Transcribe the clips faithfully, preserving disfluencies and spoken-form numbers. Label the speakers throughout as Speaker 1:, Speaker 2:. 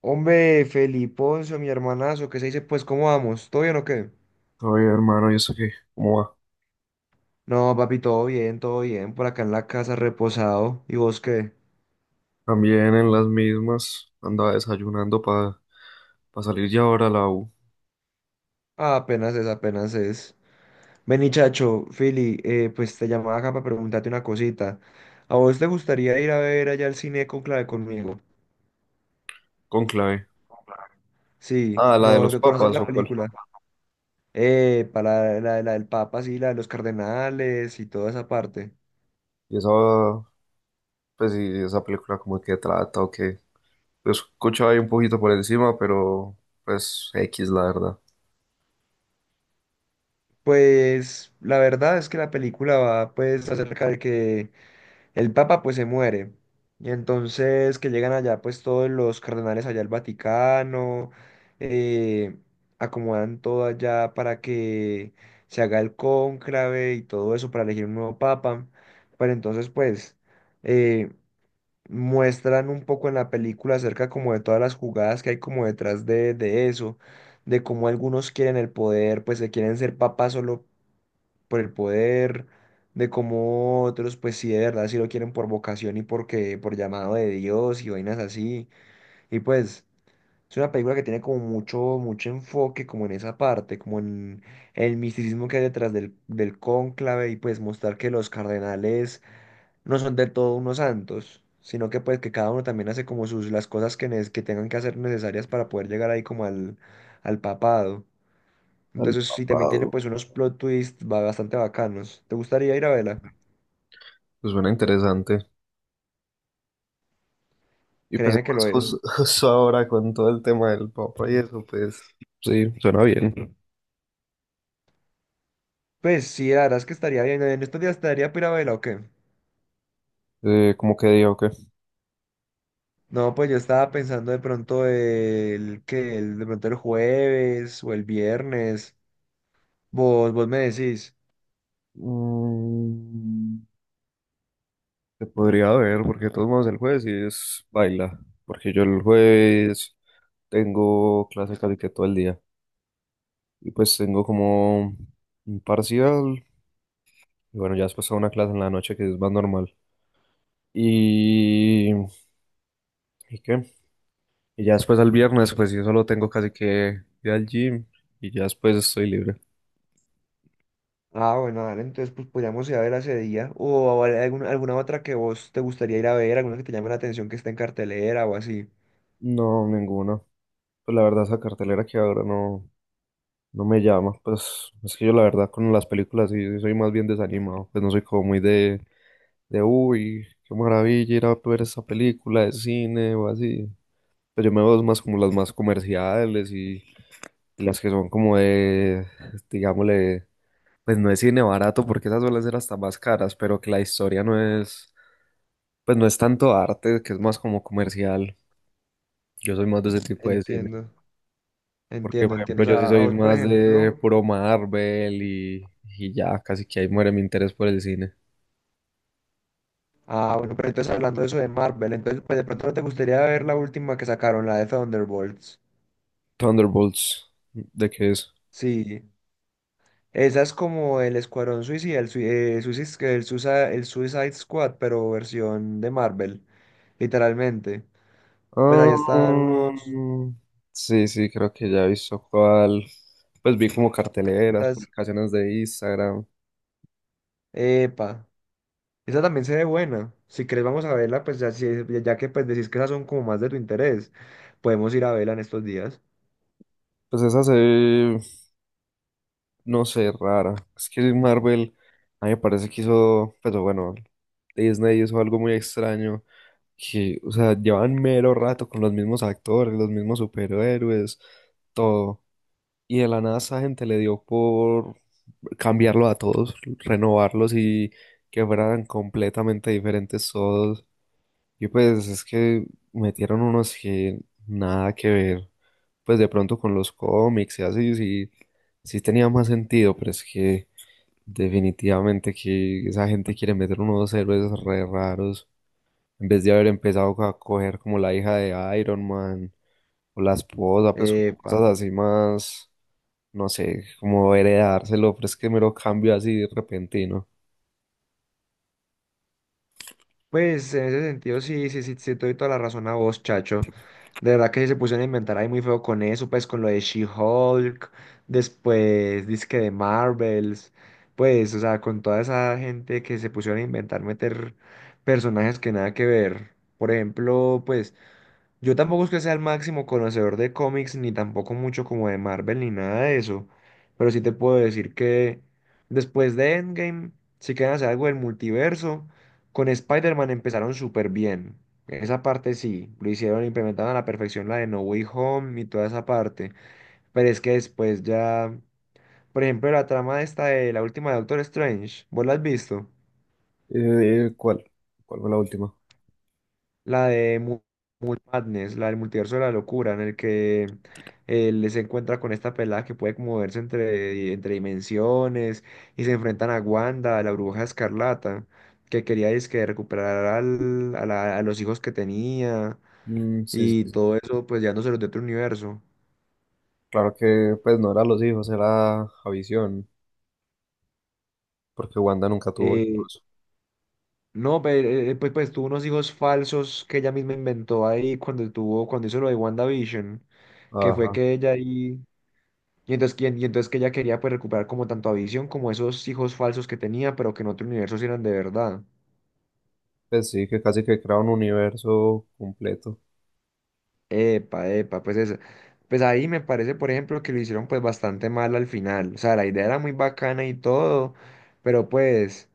Speaker 1: Hombre, Feliponcio, mi hermanazo, ¿qué se dice? Pues, ¿cómo vamos? ¿Todo bien o qué?
Speaker 2: Oye, hermano, ¿y eso qué? ¿Cómo va?
Speaker 1: No, papi, todo bien, todo bien. Por acá en la casa, reposado. ¿Y vos qué?
Speaker 2: También en las mismas andaba desayunando para salir ya ahora a la U
Speaker 1: Ah, apenas es, apenas es. Vení, chacho, Fili, eh, pues te llamaba acá para preguntarte una cosita. ¿A vos te gustaría ir a ver allá al cine con Clave conmigo?
Speaker 2: con clave.
Speaker 1: Sí,
Speaker 2: Ah, la de
Speaker 1: no,
Speaker 2: los Oh,
Speaker 1: que conoces
Speaker 2: papas
Speaker 1: la
Speaker 2: o cuál.
Speaker 1: película. Eh, para la, la del Papa, sí, la de los cardenales y toda esa parte.
Speaker 2: Y esa, pues sí, esa película como que trata o qué. Lo escuchaba ahí un poquito por encima, pero pues X, la verdad.
Speaker 1: Pues, la verdad es que la película va, pues, acerca de que el Papa pues se muere. Y entonces que llegan allá pues todos los cardenales allá al Vaticano, eh, acomodan todo allá para que se haga el cónclave y todo eso para elegir un nuevo Papa. Pero entonces pues eh, muestran un poco en la película acerca como de todas las jugadas que hay como detrás de, de eso, de cómo algunos quieren el poder, pues se quieren ser papas solo por el poder, de cómo otros, pues sí, de verdad, sí lo quieren por vocación y porque, por llamado de Dios y vainas así. Y pues es una película que tiene como mucho, mucho enfoque como en esa parte, como en el misticismo que hay detrás del, del cónclave y pues mostrar que los cardenales no son del todo unos santos, sino que pues que cada uno también hace como sus las cosas que, nes- que tengan que hacer necesarias para poder llegar ahí como al, al papado.
Speaker 2: Al
Speaker 1: Entonces sí, también tiene
Speaker 2: papado.
Speaker 1: pues unos plot twists ba- bastante bacanos. ¿Te gustaría ir a verla?
Speaker 2: Pues suena interesante. Y pues
Speaker 1: Créeme que
Speaker 2: más
Speaker 1: lo es.
Speaker 2: jus- justo ahora con todo el tema del papa y eso, pues sí, suena bien.
Speaker 1: Pues sí, la verdad es que estaría bien. ¿En estos días estaría para ir a verla o qué?
Speaker 2: Eh, ¿cómo que digo qué?
Speaker 1: No, pues yo estaba pensando de pronto el que el, de pronto el jueves o el viernes. Vos, vos me decís.
Speaker 2: Mm. Se podría ver, porque de todos modos el jueves sí es baila, porque yo el jueves tengo clase casi que todo el día y pues tengo como un parcial y bueno, ya después hago una clase en la noche que es más normal. Y, ¿Y qué? Y ya después al viernes pues yo solo tengo casi que ir al gym y ya después estoy libre.
Speaker 1: Ah, bueno, dale, entonces pues podríamos ir a verla ese día. O a- alguna, alguna otra que vos te gustaría ir a ver, alguna que te llame la atención que esté en cartelera o así.
Speaker 2: No, ninguna. Pues la verdad esa cartelera que ahora no, no me llama, pues es que yo la verdad con las películas sí sí soy más bien desanimado, pues no soy como muy de de uy, qué maravilla ir a ver esa película de cine o así. Pero yo me veo más como las más comerciales y, y las que son como de, digámosle, pues no es cine barato porque esas suelen ser hasta más caras, pero que la historia no es, pues no es tanto arte, que es más como comercial. Yo soy más de ese tipo de cine,
Speaker 1: Entiendo,
Speaker 2: porque
Speaker 1: entiendo,
Speaker 2: por
Speaker 1: entiendo.
Speaker 2: ejemplo
Speaker 1: O
Speaker 2: yo sí
Speaker 1: sea, a
Speaker 2: soy
Speaker 1: vos, por
Speaker 2: más de
Speaker 1: ejemplo.
Speaker 2: puro Marvel y, y ya casi que ahí muere mi interés por el cine.
Speaker 1: Ah, bueno, pero entonces hablando de eso de Marvel, entonces pues de pronto no te gustaría ver la última que sacaron, la de Thunderbolts.
Speaker 2: Thunderbolts, ¿de qué es?
Speaker 1: Sí, esa es como el Escuadrón Suicida, el, sui- eh, Suicis- el, Susa- el Suicide Squad, pero versión de Marvel, literalmente. Pues ahí están
Speaker 2: Ah,
Speaker 1: unos...
Speaker 2: sí, sí, creo que ya he visto cuál. Pues vi como carteleras,
Speaker 1: esas-
Speaker 2: publicaciones de Instagram.
Speaker 1: Epa. Esa también se ve buena. Si querés, vamos a verla, pues ya, si- ya que pues decís que esas son como más de tu interés, podemos ir a verla en estos días.
Speaker 2: Pues esa se ve, no sé, rara. Es que Marvel, a mí me parece que hizo, pero bueno, Disney hizo algo muy extraño. Que, o sea, llevan mero rato con los mismos actores, los mismos superhéroes, todo. Y de la nada esa gente le dio por cambiarlo a todos, renovarlos y que fueran completamente diferentes todos. Y pues es que metieron unos que nada que ver, pues de pronto con los cómics y así, sí, sí tenía más sentido, pero es que definitivamente que esa gente quiere meter unos héroes re raros, en vez de haber empezado a coger como la hija de Iron Man o la esposa, pues como
Speaker 1: Epa.
Speaker 2: cosas así más, no sé, como heredárselo, pero es que mero cambio así repentino.
Speaker 1: Pues en ese sentido, sí, sí, sí, sí, te doy toda la razón a vos, chacho. De verdad que sí se pusieron a inventar ahí muy feo con eso, pues con lo de She-Hulk, después disque de Marvels, pues, o sea, con toda esa gente que se pusieron a inventar meter personajes que nada que ver. Por ejemplo, pues. Yo tampoco es que sea el máximo conocedor de cómics, ni tampoco mucho como de Marvel, ni nada de eso. Pero sí te puedo decir que después de Endgame, si quieren hacer algo del multiverso, con Spider-Man empezaron súper bien. Esa parte sí, lo hicieron, implementaron a la perfección la de No Way Home y toda esa parte. Pero es que después ya, por ejemplo, la trama esta de la última de Doctor Strange, ¿vos la has visto?
Speaker 2: Eh, ¿cuál? ¿Cuál fue la última?
Speaker 1: la de Mu- Moon Madness, la del multiverso de la locura, en el que él se encuentra con esta pelada que puede moverse entre, entre dimensiones y se enfrentan a Wanda, a la bruja escarlata, que quería que recuperar al- a, la- a los hijos que tenía
Speaker 2: Mm, sí, sí,
Speaker 1: y
Speaker 2: sí.
Speaker 1: todo eso, pues llevándoselos de otro universo.
Speaker 2: Claro que pues no era los hijos, era Javisión, porque Wanda nunca tuvo
Speaker 1: Eh,
Speaker 2: hijos.
Speaker 1: no, pero, eh, pues, pues tuvo unos hijos falsos que ella misma inventó ahí cuando tuvo, cuando hizo lo de WandaVision, que fue
Speaker 2: Ajá.
Speaker 1: que ella ahí. Y entonces, que- y entonces que ella quería pues recuperar como tanto a Visión como esos hijos falsos que tenía, pero que en otro universo sí eran de verdad.
Speaker 2: Pues sí, que casi que crea un universo completo.
Speaker 1: Epa, epa, pues eso. Pues ahí me parece, por ejemplo, que lo hicieron pues bastante mal al final. O sea, la idea era muy bacana y todo, pero pues...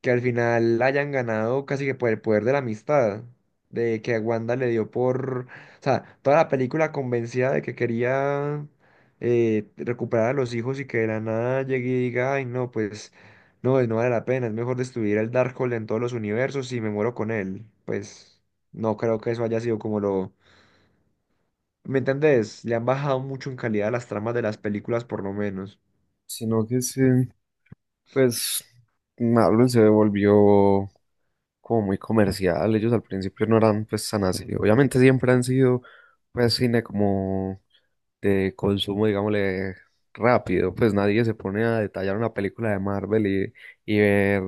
Speaker 1: que al final hayan ganado casi que por el poder de la amistad, de que a Wanda le dio por, o sea, toda la película convencida de que quería eh, recuperar a los hijos y que de la nada llegue y diga, ay, no, pues no, pues, no vale la pena, es mejor destruir el Darkhold en todos los universos y me muero con él. Pues no creo que eso haya sido como lo... ¿Me entendés? Le han bajado mucho en calidad a las tramas de las películas, por lo menos.
Speaker 2: Sino que sí, pues Marvel se volvió como muy comercial. Ellos al principio no eran pues tan así. Obviamente siempre han sido pues cine como de consumo, digámosle, rápido. Pues nadie se pone a detallar una película de Marvel y, y ver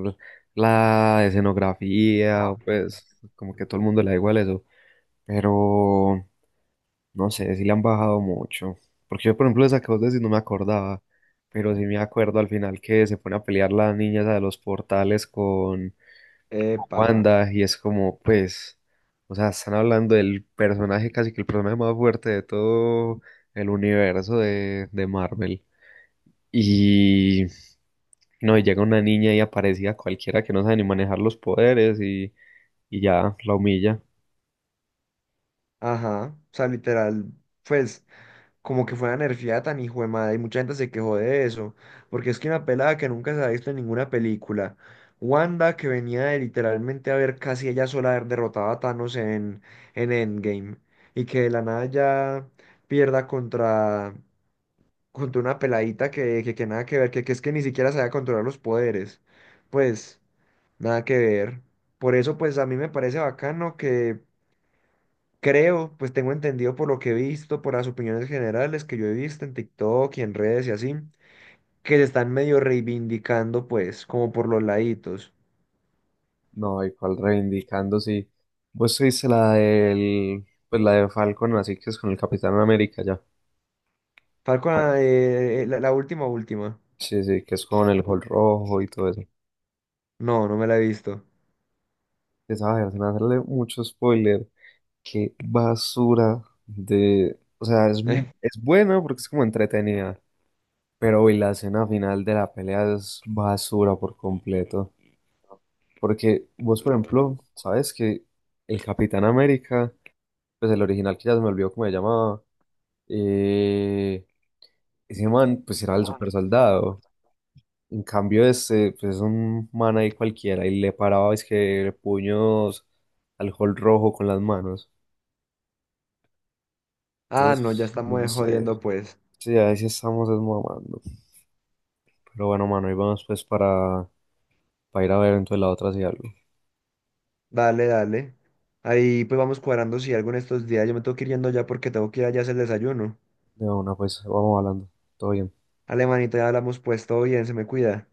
Speaker 2: la escenografía, pues como que a todo el mundo le da igual eso. Pero no sé, si le han bajado mucho. Porque yo, por ejemplo, esa que vos decís no me acordaba, pero sí me acuerdo al final que se pone a pelear la niña esa de los portales con,
Speaker 1: Epa,
Speaker 2: Wanda, y es como, pues, o sea, están hablando del personaje, casi que el personaje más fuerte de todo el universo de, de Marvel. Y no, y llega una niña y aparecía cualquiera que no sabe ni manejar los poderes y, y ya la humilla.
Speaker 1: ajá, o sea, literal, pues... como que fue una nerfeada tan hijo de madre, y mucha gente se quejó de eso, porque es que una pelada que nunca se ha visto en ninguna película, Wanda que venía de literalmente haber casi ella sola haber derrotado a Thanos en, en Endgame, y que de la nada ya pierda contra, contra una peladita que, que, que nada que ver, que, que es que ni siquiera sabía controlar los poderes, pues nada que ver. Por eso pues a mí me parece bacano que creo, pues tengo entendido por lo que he visto, por las opiniones generales que yo he visto en TikTok y en redes y así, que se están medio reivindicando, pues, como por los laditos.
Speaker 2: No, y cual reivindicando, sí. Vos viste la del, pues la de Falcon, así que es con el Capitán América ya.
Speaker 1: Falcon,
Speaker 2: Ah,
Speaker 1: ah, eh, eh, la, la última, última.
Speaker 2: sí, sí, que es con el Hulk rojo y todo eso.
Speaker 1: No, no me la he visto.
Speaker 2: Esa vaina, se me hacerle mucho spoiler. Qué basura de... O sea, es, mu- es buena porque es como entretenida, pero hoy la escena final de la pelea es basura por completo. Porque vos, por ejemplo, sabes que el Capitán América, pues el original que ya se me olvidó cómo se llamaba, eh, ese man pues era el super soldado. En cambio este, pues es un man ahí cualquiera y le paraba es que puños al Hulk rojo con las manos.
Speaker 1: Ah, no, ya
Speaker 2: Entonces, no
Speaker 1: estamos
Speaker 2: sé.
Speaker 1: jodiendo, pues.
Speaker 2: Sí, ahí sí estamos desmamando. Pero bueno, mano, y vamos pues para, para, ir a ver entonces la otra si algo.
Speaker 1: Dale, dale. Ahí pues vamos cuadrando si algo en estos días. Yo me tengo que ir yendo ya porque tengo que ir allá a hacer el desayuno.
Speaker 2: De una, pues vamos hablando. Todo bien.
Speaker 1: Alemanita, ya hablamos, pues todo bien, se me cuida.